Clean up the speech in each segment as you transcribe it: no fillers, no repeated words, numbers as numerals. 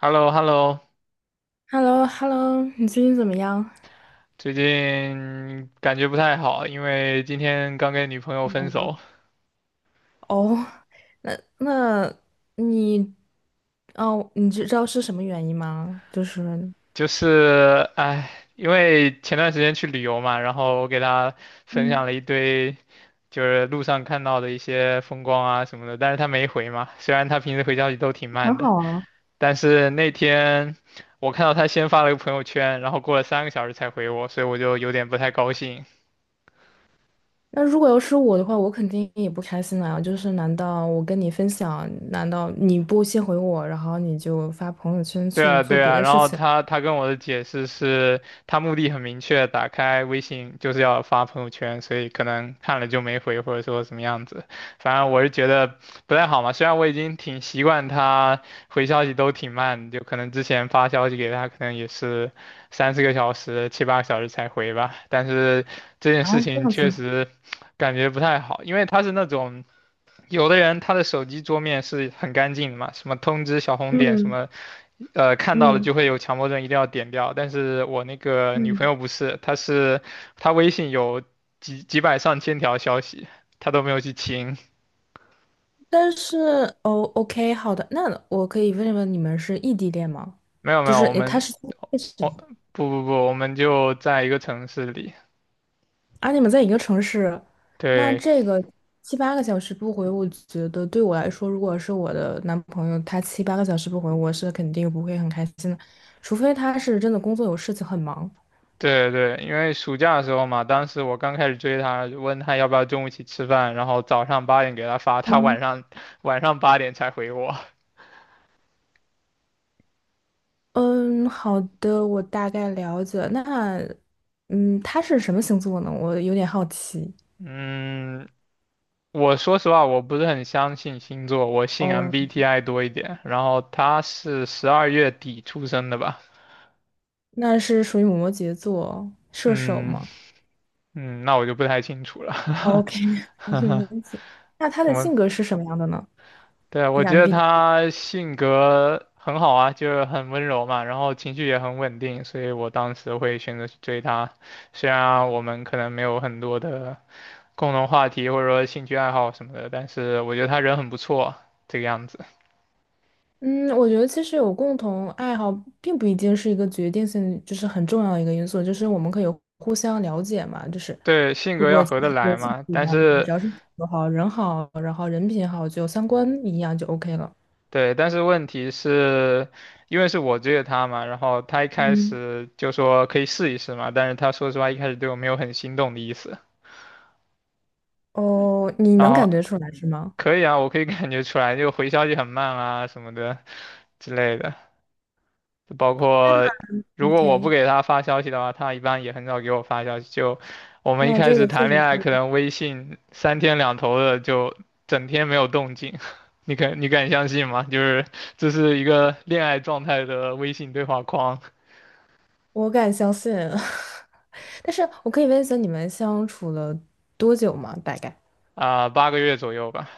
h e l l o h e l l o h e l l o h e l l o 你最近怎么样？最近感觉不太好，因为今天刚跟女朋友分嗯。手。哦，那那你，哦，你知道是什么原因吗？就是，就是哎，因为前段时间去旅游嘛，然后我给她分享了一堆就是路上看到的一些风光啊什么的，但是她没回嘛，虽然她平时回消息都挺很慢的，好啊。但是那天我看到她先发了个朋友圈，然后过了3个小时才回我，所以我就有点不太高兴。那如果要是我的话，我肯定也不开心啊。就是难道我跟你分享，难道你不先回我，然后你就发朋友圈对去啊，做对别啊，的然事后情？他跟我的解释是，他目的很明确，打开微信就是要发朋友圈，所以可能看了就没回，或者说什么样子。反正我是觉得不太好嘛，虽然我已经挺习惯他回消息都挺慢，就可能之前发消息给他，可能也是三四个小时、七八个小时才回吧，但是这件啊，事这情样子。确实感觉不太好，因为他是那种。有的人他的手机桌面是很干净的嘛，什么通知小红点什嗯么，看到了嗯。就会有强迫症，一定要点掉。但是我那个女朋嗯，友不是，她是她微信有几百上千条消息，她都没有去清。但是。哦，OK，好的，那我可以问一问，你们是异地恋吗？没有没就有，是我他们是。我不不不，我们就在一个城市里。啊，你们在一个城市。那对这个七八个小时不回，我觉得对我来说，如果是我的男朋友，他七八个小时不回，我是肯定不会很开心的，除非他是真的工作有事情很忙。对对，因为暑假的时候嘛，当时我刚开始追她，问她要不要中午一起吃饭，然后早上八点给她发，她晚嗯。上晚上八点才回我。嗯，好的，我大概了解。那，嗯，他是什么星座呢？我有点好奇。嗯，我说实话，我不是很相信星座，我信 哦， MBTI 多一点。然后他是12月底出生的吧？那是属于摩羯座，射手嗯吗？嗯，那我就不太清楚了。，OK。没 问题。那他怎的么？性格是什么样的呢？对啊，就我是 觉 m 得 b t。 他性格很好啊，就是很温柔嘛，然后情绪也很稳定，所以我当时会选择去追他。虽然我们可能没有很多的共同话题或者说兴趣爱好什么的，但是我觉得他人很不错，这个样子。嗯，我觉得其实有共同爱好，并不一定是一个决定性，就是很重要的一个因素，就是我们可以互相了解嘛。就是对，性格要合得也来性嘛，不一但样的话，是只要是性格好，人好，然后人品好，就三观一样就 OK 了。对，但是问题是，因为是我追的他嘛，然后他一开嗯。始就说可以试一试嘛，但是他说实话一开始对我没有很心动的意思，哦，你然能后感觉出来是吗可以啊，我可以感觉出来，就回消息很慢啊什么的之类的。就包括如果我不？OK。给他发消息的话，他一般也很少给我发消息。就我们一那开这始个谈确实恋爱，是。可能微信三天两头的就整天没有动静，你敢相信吗？就是这是一个恋爱状态的微信对话框我敢相信。但是我可以问一下，你们相处了多久吗？大概？啊。8个月左右吧。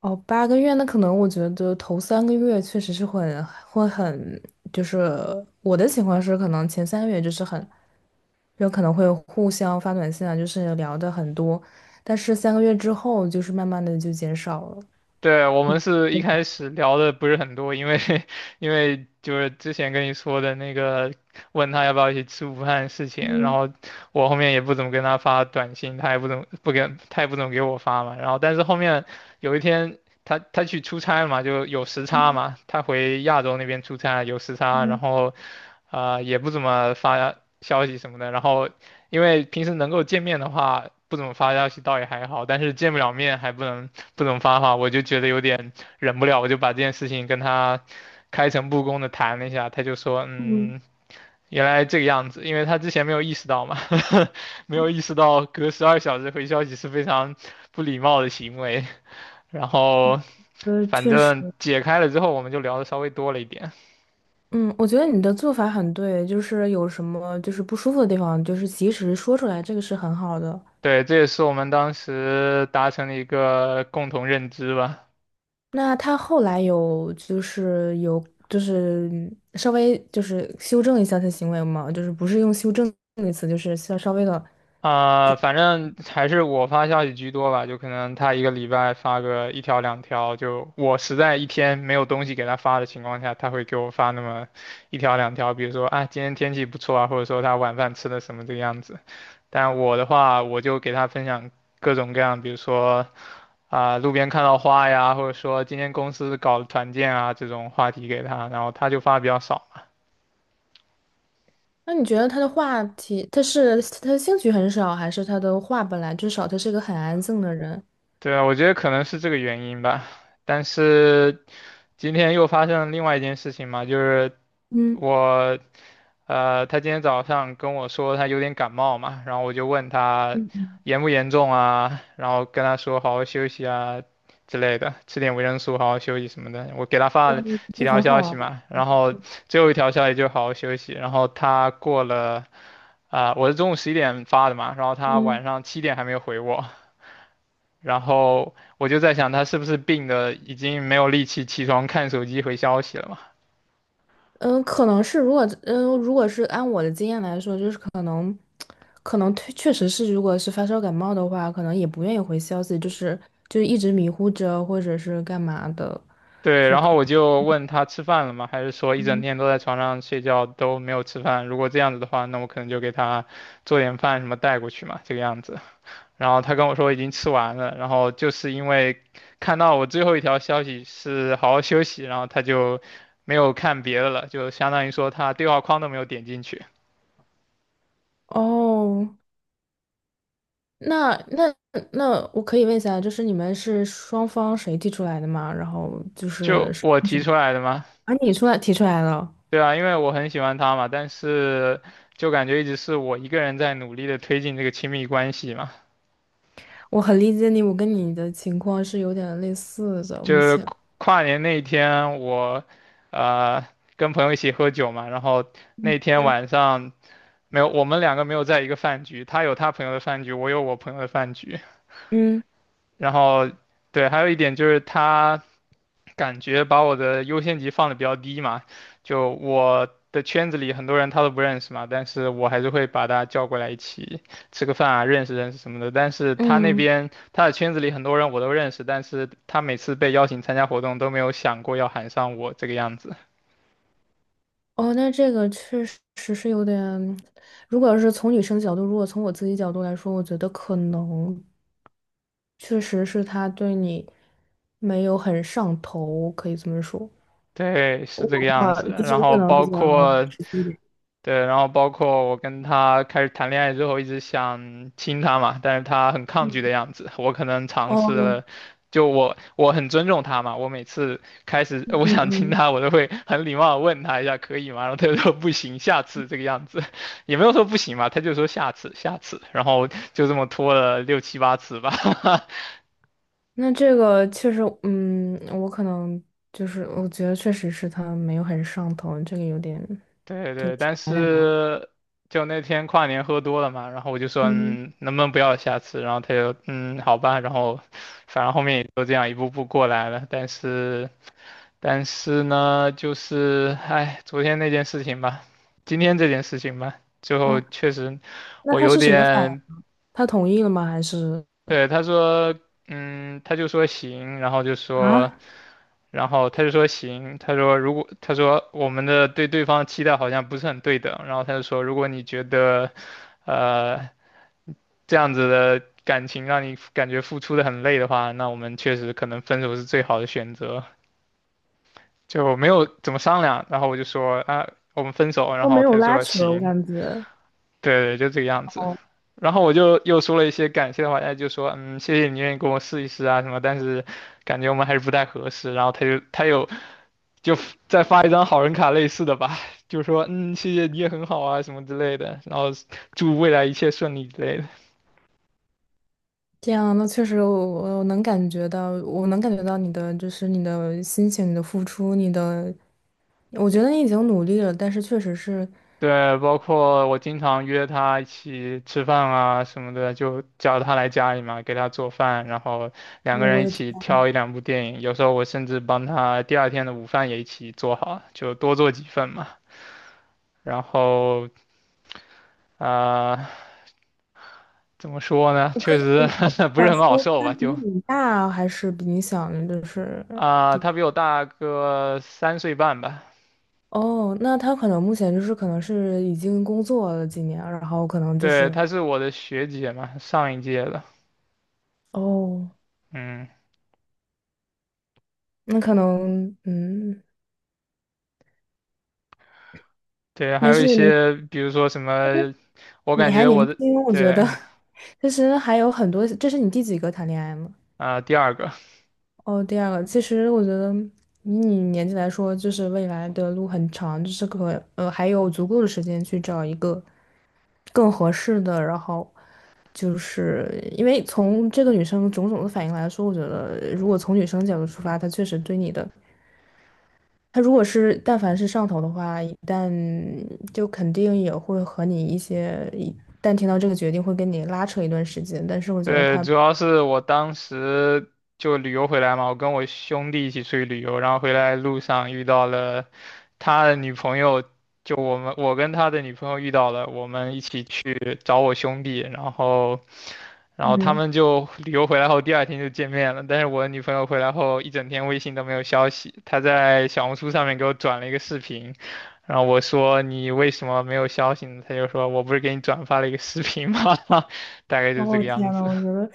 哦，8个月，那可能我觉得头3个月确实是很，会很，就是我的情况是，可能前3个月就是很，有可能会互相发短信啊，就是聊的很多，但是三个月之后就是慢慢的就减少了。对，我们是一开始聊的不是很多，因为 因为就是之前跟你说的那个，问他要不要一起吃午饭的事情，然嗯。后我后面也不怎么跟他发短信，他也不怎么给我发嘛。然后但是后面有一天他去出差嘛，就有时差嘛，他回亚洲那边出差有时差，然后也不怎么发消息什么的。然后因为平时能够见面的话，不怎么发消息倒也还好，但是见不了面还不能。不怎么发话，我就觉得有点忍不了，我就把这件事情跟他开诚布公的谈了一下，他就说，嗯。嗯，原来这个样子，因为他之前没有意识到嘛，没有意识到隔12小时回消息是非常不礼貌的行为，然后反确实。正解开了之后，我们就聊的稍微多了一点，嗯，我觉得你的做法很对，就是有什么就是不舒服的地方，就是及时说出来，这个是很好的。对，这也是我们当时达成的一个共同认知吧。那他后来有，就是有就是稍微就是修正一下他的行为嘛，就是不是用修正这个词，就是稍微的。反正还是我发消息居多吧，就可能他一个礼拜发个一条两条，就我实在一天没有东西给他发的情况下，他会给我发那么一条两条，比如说啊今天天气不错啊，或者说他晚饭吃的什么这个样子。但我的话，我就给他分享各种各样，比如说路边看到花呀，或者说今天公司搞了团建啊这种话题给他，然后他就发的比较少。那你觉得他的话题，他是他的兴趣很少，还是他的话本来至少他是个很安静的人？对啊，我觉得可能是这个原因吧。但是今天又发生了另外一件事情嘛，就是嗯。我，他今天早上跟我说他有点感冒嘛，然后我就问他严不严重啊，然后跟他说好好休息啊之类的，吃点维生素，好好休息什么的。我给他发了几那条很消好息啊。嘛，然后嗯。最后一条消息就好好休息，然后他过了。我是中午11点发的嘛，然后他晚嗯。上7点还没有回我，然后我就在想，他是不是病的已经没有力气起床看手机回消息了嘛？嗯,可能是,如果如果是按我的经验来说，就是可能，可能确实是，如果是发烧感冒的话，可能也不愿意回消息，就是就一直迷糊着，或者是干嘛的，对，就然后可我就问他吃饭了吗？还是说一整天都在床上睡觉都没有吃饭？如果这样子的话，那我可能就给他做点饭什么带过去嘛，这个样子。然后他跟我说已经吃完了，然后就是因为看到我最后一条消息是好好休息，然后他就没有看别的了，就相当于说他对话框都没有点进去，哦，那那那我可以问一下，就是你们是双方谁提出来的吗？然后就是就是。我提出来的吗？啊，你提出来了。对啊，因为我很喜欢他嘛，但是就感觉一直是我一个人在努力的推进这个亲密关系嘛。我很理解你，我跟你的情况是有点类似的，就目是前，跨年那一天我，呃，跟朋友一起喝酒嘛，然后嗯。那天晚上没有，我们两个没有在一个饭局，他有他朋友的饭局，我有我朋友的饭局。嗯。然后，对，还有一点就是他感觉把我的优先级放的比较低嘛，就我的圈子里很多人他都不认识嘛，但是我还是会把他叫过来一起吃个饭啊，认识认识什么的。但是他那嗯。边他的圈子里很多人我都认识，但是他每次被邀请参加活动都没有想过要喊上我这个样子。哦，那这个确实是有点。如果要是从女生角度，如果从我自己角度来说，我觉得可能确实是他对你没有很上头，可以这么说。对，是我这个样话子。就是然我可后能比包较括，实际一点。对，然后包括我跟他开始谈恋爱之后，一直想亲他嘛，但是他很抗拒嗯。的样子。我可能尝试哦。了，就我很尊重他嘛，我每次开始嗯。我嗯。想亲嗯。他，我都会很礼貌的问他一下可以吗？然后他就说不行，下次这个样子，也没有说不行嘛，他就说下次下次，然后就这么拖了六七八次吧。那这个确实，嗯，我可能就是我觉得确实是他没有很上头，这个有点，对对，但有点难过。是就那天跨年喝多了嘛，然后我就说，嗯。嗯，能不能不要下次？然后他就，嗯，好吧。然后，反正后面也就这样一步步过来了。但是呢，就是，哎，昨天那件事情吧，今天这件事情吧，最后哦，确实那我他有是什么反应？点。他同意了吗？还是？对，他说，嗯，他就说行，然后就说，啊。然后他就说行，他说如果他说我们的对方期待好像不是很对等，然后他就说如果你觉得，呃，这样子的感情让你感觉付出的很累的话，那我们确实可能分手是最好的选择。就没有怎么商量，然后我就说啊，我们分手，然都没后他有就拉说扯，我行，感觉。对对，就这个样子。哦，然后我就又说了一些感谢的话，他就说，嗯，谢谢你愿意跟我试一试啊什么，但是感觉我们还是不太合适。然后他又就再发一张好人卡类似的吧，就说，嗯，谢谢你也很好啊什么之类的，然后祝未来一切顺利之类的。这样。那确实我，我能感觉到，我能感觉到你的，就是你的心情、你的付出、你的，我觉得你已经努力了，但是确实是。对，包括我经常约他一起吃饭啊什么的，就叫他来家里嘛，给他做饭，然后两个我人一的天。起挑一两部电影。有时候我甚至帮他第二天的午饭也一起做好，就多做几份嘛。然后啊、呃怎么说呢？确实 嗯。 不是想很好说受他吧？比就你大还是比你小呢？就是，他比我大个3岁半吧。哦，那他可能目前就是可能是已经工作了几年，然后可能就对，是。她是我的学姐嘛，上一届的。哦，嗯，那可能，嗯，对，还没有事一没事。些，比如说什么，我感你还觉年我的。轻，我觉得。对，其实还有很多。这是你第几个谈恋爱吗？第二个，哦，第2个。其实我觉得以你年纪来说，就是未来的路很长，就是可还有足够的时间去找一个更合适的。然后就是因为从这个女生种种的反应来说，我觉得如果从女生角度出发，她确实对你的，她如果是但凡是上头的话，一旦就肯定也会和你一些，一旦听到这个决定会跟你拉扯一段时间。但是我觉得对，她，主要是我当时就旅游回来嘛，我跟我兄弟一起出去旅游，然后回来路上遇到了他的女朋友，就我跟他的女朋友遇到了，我们一起去找我兄弟，然后他嗯，们就旅游回来后第二天就见面了，但是我的女朋友回来后一整天微信都没有消息，她在小红书上面给我转了一个视频，然后我说你为什么没有消息呢？她就说我不是给你转发了一个视频吗？大概就是这哦个样天呐，子。我觉得。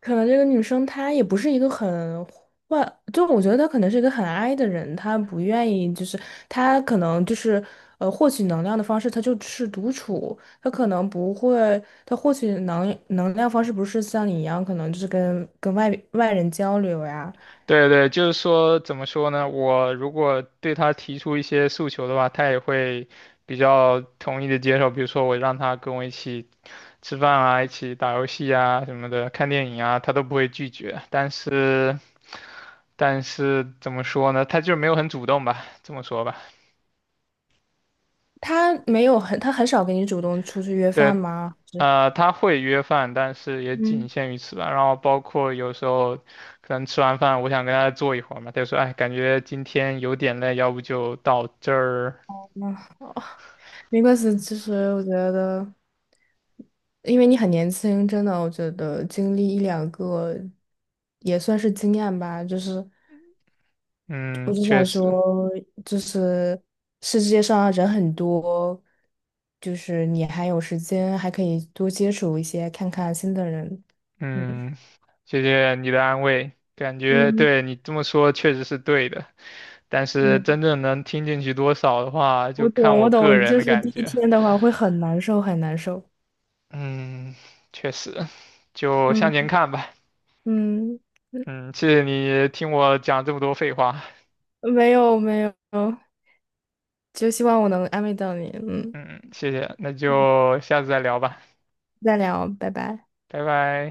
可能这个女生她也不是一个很坏，就我觉得她可能是一个很 i 的人，她不愿意，就是她可能就是获取能量的方式，她就是独处，她可能不会，她获取能量方式不是像你一样，可能就是跟外人交流呀。对对，就是说，怎么说呢？我如果对他提出一些诉求的话，他也会比较同意的接受。比如说，我让他跟我一起吃饭啊，一起打游戏啊什么的，看电影啊，他都不会拒绝。但是，但是怎么说呢？他就没有很主动吧，这么说吧。她没有很，她很少跟你主动出去约饭对，吗？是。他会约饭，但是也仅嗯。限于此吧。然后包括有时候可能吃完饭，我想跟他坐一会儿嘛，他就说，哎，感觉今天有点累，要不就到这儿。啊。哦，没关系。其实我觉得，因为你很年轻，真的，我觉得经历1,2个也算是经验吧。就是我嗯，只确想实，说，就是世界上人很多，就是你还有时间，还可以多接触一些，看看新的人。嗯。嗯，谢谢你的安慰，感觉嗯。对你这么说确实是对的，但是嗯，真正能听进去多少的话，我就看懂，我我个懂。人就的是第感一觉。天的话会很难受，很难受。嗯，确实，就向前嗯。看吧。嗯，嗯，谢谢你听我讲这么多废话。没有没有。就希望我能安慰到你。嗯，嗯，谢谢，那就下次再聊吧，再聊，拜拜。拜拜。